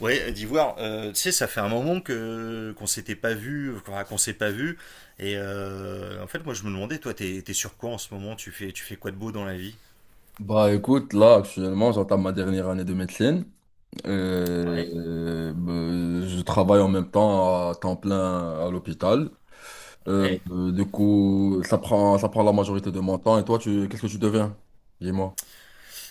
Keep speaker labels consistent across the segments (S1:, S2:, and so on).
S1: Ouais, d'Ivoire, tu sais, ça fait un moment que qu'on s'était pas vu, qu'on s'est pas vu. Et en fait, moi, je me demandais, toi, t'es sur quoi en ce moment? Tu fais quoi de beau dans la vie?
S2: Bah écoute, là actuellement j'entame ma dernière année de médecine.
S1: Ouais,
S2: Bah, je travaille en même temps à temps plein à l'hôpital.
S1: ouais.
S2: Du coup, ça prend la majorité de mon temps. Et toi, qu'est-ce que tu deviens? Dis-moi.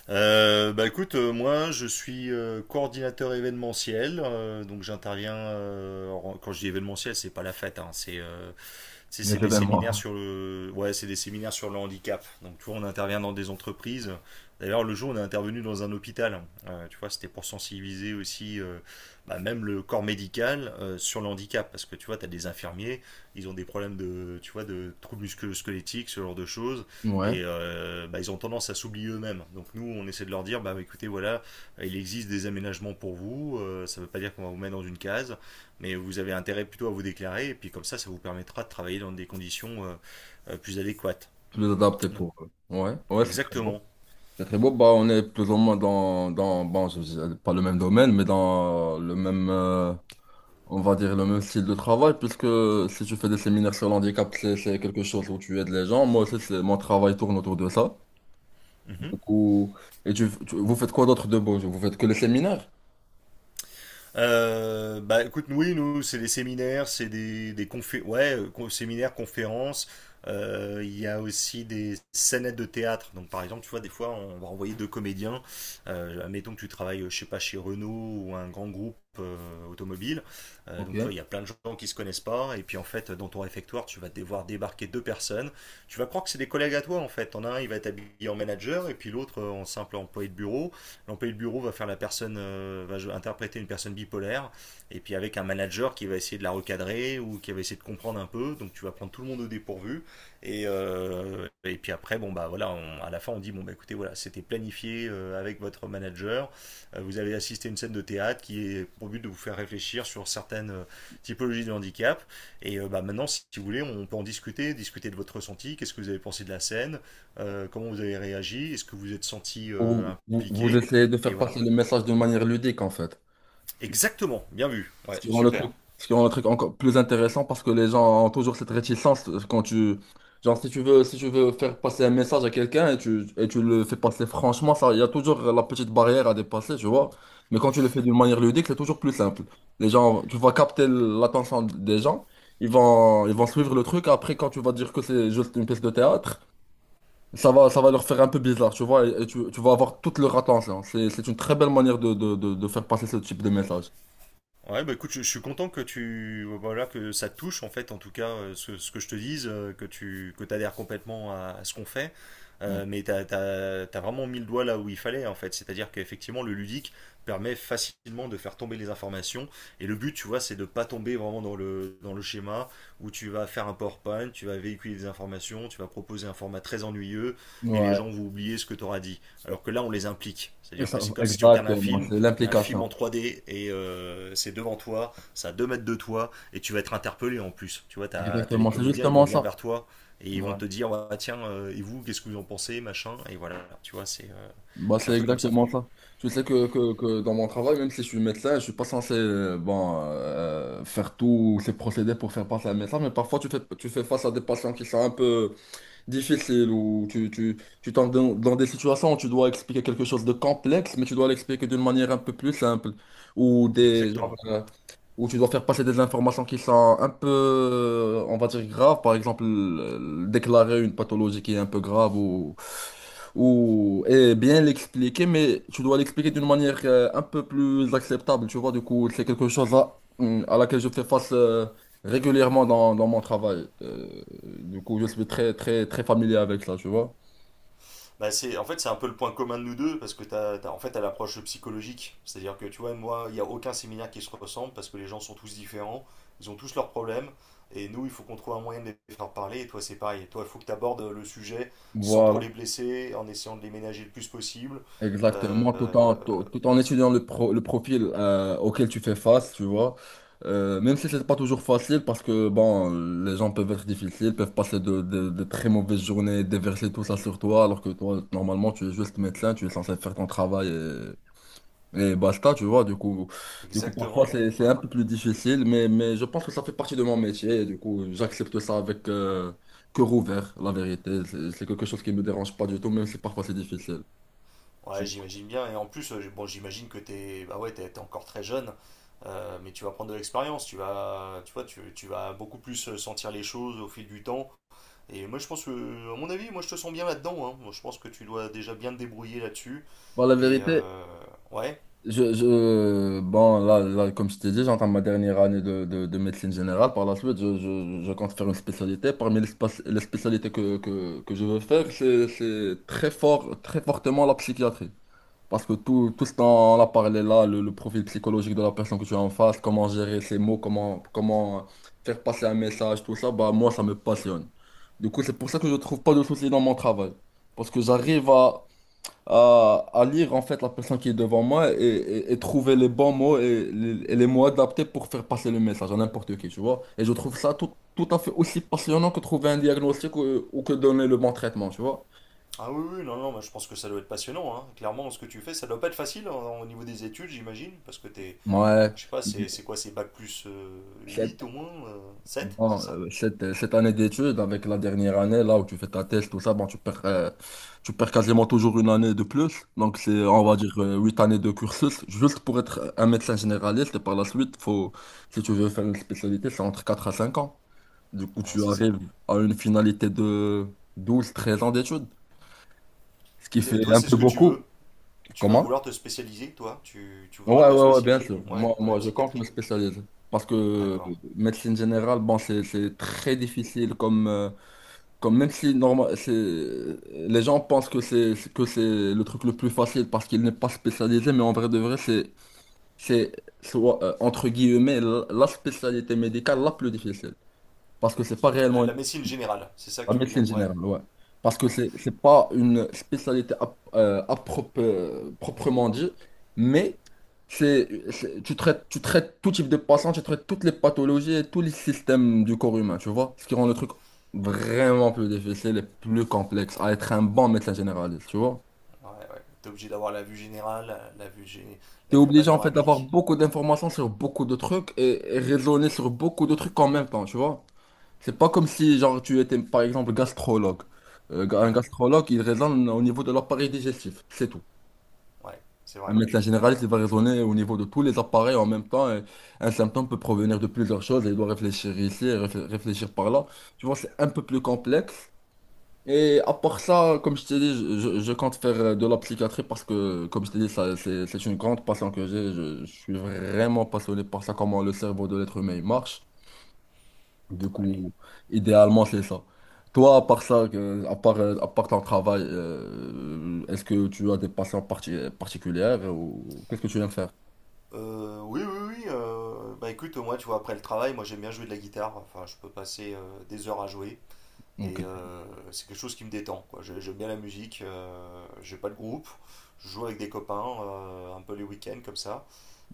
S1: Bah écoute, moi, je suis coordinateur événementiel, donc j'interviens. Quand je dis événementiel, c'est pas la fête, hein. c'est Tu sais,
S2: Les
S1: c'est des séminaires
S2: événements.
S1: sur le, ouais, c'est des séminaires sur le handicap. Donc, tu vois, on intervient dans des entreprises. D'ailleurs, le jour, on est intervenu dans un hôpital. Tu vois, c'était pour sensibiliser aussi, bah, même le corps médical sur le handicap, parce que tu vois, tu as des infirmiers, ils ont des problèmes de, tu vois, de troubles musculo-squelettiques, ce genre de choses,
S2: Ouais.
S1: et bah, ils ont tendance à s'oublier eux-mêmes. Donc nous, on essaie de leur dire, bah écoutez, voilà, il existe des aménagements pour vous. Ça ne veut pas dire qu'on va vous mettre dans une case. Mais vous avez intérêt plutôt à vous déclarer, et puis comme ça vous permettra de travailler dans des conditions plus adéquates.
S2: Plus adapté
S1: Non,
S2: pour eux. Ouais, ouais, c'est très beau.
S1: exactement.
S2: C'est très beau. Bah, on est plus ou moins bon, pas le même domaine, mais dans le même, on va dire le même style de travail, puisque si tu fais des séminaires sur l'handicap, c'est quelque chose où tu aides les gens. Moi aussi, mon travail tourne autour de ça. Du
S1: Mhm.
S2: coup, vous faites quoi d'autre de beau? Vous faites que les séminaires?
S1: Bah écoute, oui, nous, c'est des séminaires, c'est des confé- ouais, séminaires, conférences. Il y a aussi des scénettes de théâtre. Donc par exemple, tu vois, des fois, on va envoyer deux comédiens. Admettons que tu travailles, je sais pas, chez Renault ou un grand groupe automobile. Donc tu vois,
S2: Ok.
S1: il y a plein de gens qui se connaissent pas. Et puis en fait, dans ton réfectoire, tu vas devoir débarquer deux personnes. Tu vas croire que c'est des collègues à toi en fait. En un, il va être habillé en manager et puis l'autre en simple employé de bureau. L'employé de bureau va faire la personne, va interpréter une personne bipolaire, et puis avec un manager qui va essayer de la recadrer ou qui va essayer de comprendre un peu. Donc tu vas prendre tout le monde au dépourvu, et puis après, bon bah voilà, à la fin on dit bon bah écoutez voilà, c'était planifié avec votre manager. Vous avez assisté à une scène de théâtre qui est pour but de vous faire réfléchir sur certaines typologies de handicap. Et bah maintenant, si vous voulez, on peut en discuter, discuter de votre ressenti, qu'est-ce que vous avez pensé de la scène, comment vous avez réagi, est-ce que vous êtes senti
S2: Ou vous
S1: impliqué,
S2: essayez de
S1: et
S2: faire
S1: voilà.
S2: passer le message de manière ludique, en fait?
S1: Exactement, bien vu.
S2: Ce
S1: Ouais,
S2: qui rend le
S1: super.
S2: truc, ce qui rend le truc encore plus intéressant parce que les gens ont toujours cette réticence quand tu, genre si tu veux faire passer un message à quelqu'un et tu le fais passer franchement, ça, il y a toujours la petite barrière à dépasser, tu vois. Mais quand tu le fais d'une manière ludique, c'est toujours plus simple. Les gens, tu vas capter l'attention des gens, ils vont suivre le truc. Après, quand tu vas dire que c'est juste une pièce de théâtre, ça va leur faire un peu bizarre, tu vois. Et tu vas avoir toute leur attention. C'est une très belle manière de faire passer ce type de message.
S1: Ouais, bah écoute, je suis content que tu voilà que ça te touche en fait, en tout cas ce que je te dise, que t'adhères complètement à ce qu'on fait.
S2: Mm.
S1: Mais t'as vraiment mis le doigt là où il fallait en fait, c'est-à-dire qu'effectivement le ludique permet facilement de faire tomber les informations et le but, tu vois, c'est de pas tomber vraiment dans le schéma où tu vas faire un PowerPoint, tu vas véhiculer des informations, tu vas proposer un format très ennuyeux et les
S2: Ouais.
S1: gens vont oublier ce que tu auras dit. Alors que là, on les implique, c'est-à-dire que c'est comme si tu regardes un
S2: Exactement,
S1: film
S2: c'est
S1: mais un film en
S2: l'implication.
S1: 3D et c'est devant toi, ça à 2 mètres de toi et tu vas être interpellé en plus. Tu vois, t'as as les
S2: Exactement, c'est
S1: comédiens, ils vont
S2: justement
S1: venir
S2: ça.
S1: vers toi et ils vont
S2: Ouais.
S1: te dire ah, tiens, et vous, qu'est-ce que vous en pensez, machin, et voilà, tu vois,
S2: Bah,
S1: c'est un
S2: c'est
S1: peu comme ça.
S2: exactement ça. Je sais que dans mon travail, même si je suis médecin, je suis pas censé bon, faire tous ces procédés pour faire passer un message, mais parfois tu fais face à des patients qui sont un peu difficiles ou dans des situations où tu dois expliquer quelque chose de complexe, mais tu dois l'expliquer d'une manière un peu plus simple. Ou genre,
S1: Exactement.
S2: où tu dois faire passer des informations qui sont un peu, on va dire, graves, par exemple, déclarer une pathologie qui est un peu grave ou et bien l'expliquer, mais tu dois l'expliquer d'une manière un peu plus acceptable, tu vois, du coup, c'est quelque chose à laquelle je fais face régulièrement dans mon travail. Du coup, je suis très, très, très familier avec ça, tu vois.
S1: Bah c'est, en fait, c'est un peu le point commun de nous deux parce que en fait, t'as l'approche psychologique. C'est-à-dire que tu vois, moi, il n'y a aucun séminaire qui se ressemble parce que les gens sont tous différents, ils ont tous leurs problèmes et nous, il faut qu'on trouve un moyen de les faire parler. Et toi, c'est pareil. Et toi, il faut que tu abordes le sujet sans trop
S2: Voilà.
S1: les blesser, en essayant de les ménager le plus possible.
S2: Exactement, tout
S1: Euh,
S2: en, tout, tout en étudiant le profil auquel tu fais face, tu vois. Même si c'est pas toujours facile, parce que bon, les gens peuvent être difficiles, peuvent passer de très mauvaises journées, déverser tout ça sur toi, alors que toi, normalement, tu es juste médecin, tu es censé faire ton travail et basta, tu vois. Du coup parfois,
S1: Exactement.
S2: c'est un
S1: Ouais.
S2: peu plus difficile, mais je pense que ça fait partie de mon métier, et du coup, j'accepte ça avec cœur ouvert, la vérité. C'est quelque chose qui me dérange pas du tout, même si parfois c'est difficile.
S1: Ouais, j'imagine bien. Et en plus, bon, j'imagine que bah ouais, t'es encore très jeune. Mais tu vas prendre de l'expérience, tu vas, tu vois, tu vas beaucoup plus sentir les choses au fil du temps. Et moi, je pense que, à mon avis, moi, je te sens bien là-dedans, hein. Moi, je pense que tu dois déjà bien te débrouiller là-dessus.
S2: Bon, la
S1: Et
S2: vérité,
S1: euh, ouais.
S2: bon, là, comme je t'ai dit, j'entends ma dernière année de médecine générale. Par la suite, je compte faire une spécialité. Parmi les spécialités que je veux faire, c'est très fort, très fortement la psychiatrie. Parce que tout ce dont on a parlé là, le profil psychologique de la personne que tu as en face, comment gérer ses mots, comment faire passer un message, tout ça, bah, moi, ça me passionne. Du coup, c'est pour ça que je trouve pas de soucis dans mon travail. Parce que j'arrive à, lire en fait la personne qui est devant moi et, et trouver les bons mots et les mots adaptés pour faire passer le message à n'importe qui, tu vois. Et je trouve ça tout à fait aussi passionnant que trouver un diagnostic ou que donner le bon traitement, tu vois.
S1: Ah oui, oui, non, non, moi, je pense que ça doit être passionnant, hein. Clairement, ce que tu fais, ça doit pas être facile hein, au niveau des études, j'imagine. Parce que t'es. Ah,
S2: Ouais.
S1: Je sais pas, c'est quoi, c'est bac plus 8 au moins 7,
S2: Bon,
S1: c'est ça?
S2: cette année d'études, avec la dernière année, là où tu fais ta thèse, tout ça, bon, tu perds quasiment toujours une année de plus. Donc, c'est, on va
S1: Ouais,
S2: dire, 8 années de cursus, juste pour être un médecin généraliste. Et par la suite, si tu veux faire une spécialité, c'est entre 4 à 5 ans. Du coup,
S1: ouais,
S2: tu
S1: c'est ça, hein.
S2: arrives à une finalité de 12-13 ans d'études, ce qui
S1: Et
S2: fait
S1: toi,
S2: un
S1: c'est
S2: peu
S1: ce que tu
S2: beaucoup.
S1: veux? Tu vas
S2: Comment?
S1: vouloir te spécialiser, toi? Tu
S2: Ouais,
S1: voudras te
S2: ouais, ouais, bien
S1: spécialiser?
S2: sûr.
S1: Ouais,
S2: Moi,
S1: dans la
S2: moi, je compte me
S1: psychiatrie?
S2: spécialiser. Parce que
S1: D'accord.
S2: médecine générale, bon, c'est très difficile comme même si normal, c'est les gens pensent que c'est le truc le plus facile parce qu'il n'est pas spécialisé, mais en vrai de vrai, c'est soit entre guillemets la spécialité médicale la plus difficile parce que c'est pas,
S1: La,
S2: réellement
S1: la médecine générale, c'est ça que
S2: la
S1: tu veux dire?
S2: médecine
S1: Ouais,
S2: générale, ouais. Parce que
S1: ouais.
S2: c'est pas une spécialité proprement dit, mais tu traites tout type de patient, tu traites toutes les pathologies et tous les systèmes du corps humain, tu vois? Ce qui rend le truc vraiment plus difficile et plus complexe à être un bon médecin généraliste, tu vois?
S1: Ouais, ouais. T'es obligé d'avoir la vue générale,
S2: T'es
S1: la vue
S2: obligé en fait d'avoir
S1: panoramique.
S2: beaucoup d'informations sur beaucoup de trucs et raisonner sur beaucoup de trucs en même temps, tu vois? C'est pas comme si, genre, tu étais, par exemple, gastrologue. Un
S1: Ouais,
S2: gastrologue, il raisonne au niveau de l'appareil digestif, c'est tout.
S1: ouais, c'est
S2: Un
S1: vrai.
S2: médecin
S1: Ouais,
S2: généraliste, il va raisonner au niveau de tous les appareils en même temps, et un symptôme peut provenir de plusieurs choses et il doit réfléchir ici, et réfléchir par là. Tu vois, c'est un peu plus complexe. Et à part ça, comme je t'ai dit, je compte faire de la psychiatrie parce que, comme je t'ai dit, ça, c'est une grande passion que j'ai. Je suis vraiment passionné par ça, comment le cerveau de l'être humain il marche. Du
S1: ouais.
S2: coup, idéalement, c'est ça. Toi, à part ça, à part ton travail, est-ce que tu as des passions particulières ou qu'est-ce que tu aimes faire?
S1: Oui, oui, oui. Bah écoute, moi, tu vois, après le travail, moi j'aime bien jouer de la guitare. Enfin, je peux passer des heures à jouer. Et
S2: Ok,
S1: c'est quelque chose qui me détend, quoi. J'aime bien la musique. J'ai pas de groupe. Je joue avec des copains, un peu les week-ends comme ça.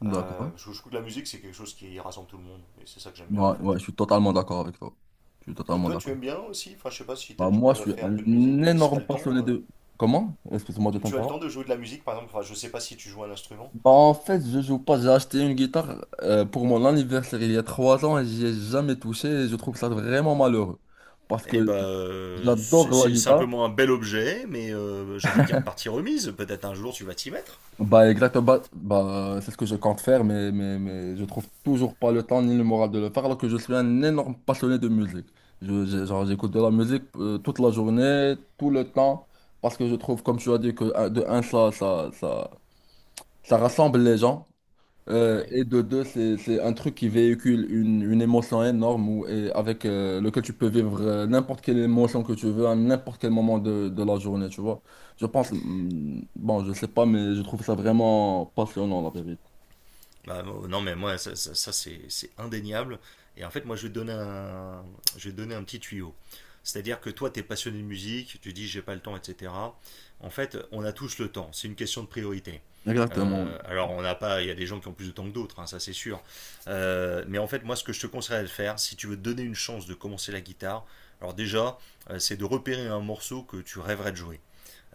S1: Euh,
S2: d'accord.
S1: je, je trouve que la musique, c'est quelque chose qui rassemble tout le monde. Et c'est ça que j'aime bien en
S2: Ouais,
S1: fait.
S2: ouais, je suis totalement d'accord avec toi. Je suis
S1: Toi,
S2: totalement
S1: toi, tu
S2: d'accord.
S1: aimes bien aussi? Enfin, je sais pas si t'as
S2: Bah, moi, je
S1: déjà
S2: suis
S1: fait un
S2: un
S1: peu de musique, si t'as
S2: énorme
S1: le temps.
S2: passionné de... Comment? Excuse-moi de
S1: Tu as le
S2: t'interrompre.
S1: temps de jouer de la musique, par exemple? Enfin, je sais pas si tu joues un instrument.
S2: Bah, en fait, je joue pas. J'ai acheté une guitare pour mon anniversaire il y a 3 ans et j'y ai jamais touché et je trouve ça vraiment malheureux. Parce
S1: Eh
S2: que
S1: ben,
S2: j'adore
S1: c'est
S2: la
S1: c'est
S2: guitare.
S1: simplement un bel objet, mais j'ai envie de dire partie remise. Peut-être un jour tu vas t'y mettre.
S2: Bah exactement, c'est ce que je compte faire, mais je trouve toujours pas le temps ni le moral de le faire, alors que je suis un énorme passionné de musique. Genre, j'écoute de la musique toute la journée, tout le temps, parce que je trouve, comme tu as dit, que de un, ça rassemble les gens. Euh,
S1: Ouais.
S2: et de deux, c'est un truc qui véhicule une émotion énorme et avec lequel tu peux vivre n'importe quelle émotion que tu veux à n'importe quel moment de la journée, tu vois. Je pense, bon, je sais pas, mais je trouve ça vraiment passionnant, la vérité.
S1: Bah, non, mais moi, ça, c'est indéniable. Et en fait, moi, je vais te donner un petit tuyau. C'est-à-dire que toi, tu es passionné de musique, tu dis j'ai pas le temps, etc. En fait, on a tous le temps. C'est une question de priorité.
S2: Exactement. Oui.
S1: Alors, on n'a pas, il y a des gens qui ont plus de temps que d'autres, hein, ça c'est sûr. Mais en fait, moi, ce que je te conseillerais de faire, si tu veux te donner une chance de commencer la guitare, alors déjà, c'est de repérer un morceau que tu rêverais de jouer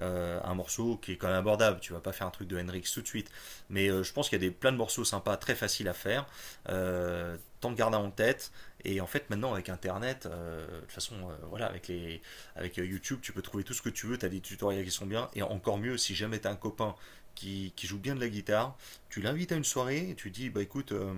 S1: un morceau qui est quand même abordable. Tu vas pas faire un truc de Hendrix tout de suite. Mais je pense qu'il y a plein de morceaux sympas, très faciles à faire. Tant de garder en tête. Et en fait, maintenant, avec Internet, de toute façon, voilà, avec YouTube, tu peux trouver tout ce que tu veux. Tu as des tutoriels qui sont bien. Et encore mieux, si jamais tu as un copain qui joue bien de la guitare, tu l'invites à une soirée et tu dis, bah écoute,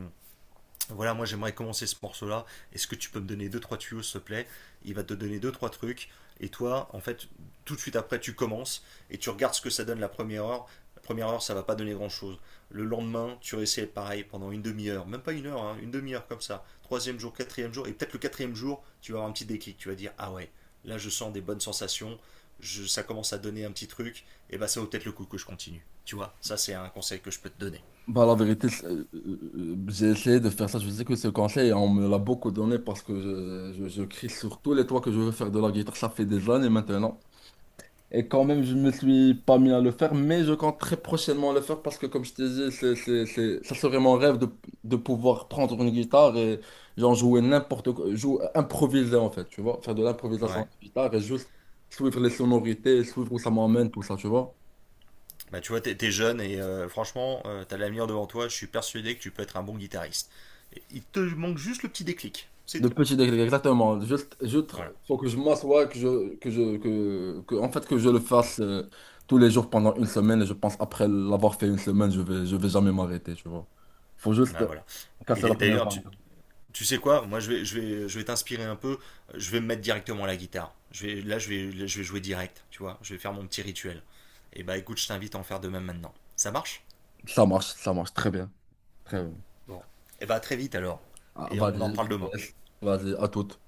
S1: voilà, moi j'aimerais commencer ce morceau-là. Est-ce que tu peux me donner deux trois tuyaux, s'il te plaît? Il va te donner deux trois trucs. Et toi, en fait, tout de suite après, tu commences et tu regardes ce que ça donne la première heure. La première heure, ça va pas donner grand-chose. Le lendemain, tu réessayes pareil pendant une demi-heure, même pas une heure, hein, une demi-heure comme ça. Troisième jour, quatrième jour, et peut-être le quatrième jour, tu vas avoir un petit déclic. Tu vas dire ah ouais, là je sens des bonnes sensations. Ça commence à donner un petit truc. Et bah ça vaut peut-être le coup que je continue. Tu vois, ça c'est un conseil que je peux te donner.
S2: Bah, la vérité, j'ai essayé de faire ça. Je sais que ce conseil, on me l'a beaucoup donné parce que je crie sur tous les toits que je veux faire de la guitare. Ça fait des années maintenant. Et quand même, je me suis pas mis à le faire, mais je compte très prochainement le faire parce que, comme je t'ai dit, ça serait mon rêve de pouvoir prendre une guitare et genre jouer n'importe quoi, jouer, improviser en fait, tu vois, faire de l'improvisation
S1: Ouais.
S2: de guitare et juste suivre les sonorités, suivre où ça m'emmène, tout ça, tu vois.
S1: Bah, tu vois, t'es jeune et franchement, t'as l'avenir devant toi. Je suis persuadé que tu peux être un bon guitariste. Et il te manque juste le petit déclic, c'est
S2: De
S1: tout.
S2: petit degré, exactement. Juste,
S1: Voilà.
S2: faut que je m'assoie, que je, que je, que- en fait, que je le fasse tous les jours pendant une semaine et je pense après l'avoir fait une semaine, je vais jamais m'arrêter, tu vois. Faut juste
S1: Bah, voilà. Et
S2: casser la première
S1: d'ailleurs,
S2: barre.
S1: tu sais quoi? Moi, je vais t'inspirer un peu. Je vais me mettre directement à la guitare. Je vais jouer direct. Tu vois, je vais faire mon petit rituel. Et bah, écoute, je t'invite à en faire de même maintenant. Ça marche?
S2: Ça marche très bien. Très bien.
S1: Bon. Et bah, à très vite alors.
S2: Ah,
S1: Et on en
S2: vas-y, je
S1: reparle
S2: te
S1: demain.
S2: laisse. Vas-y, à toute.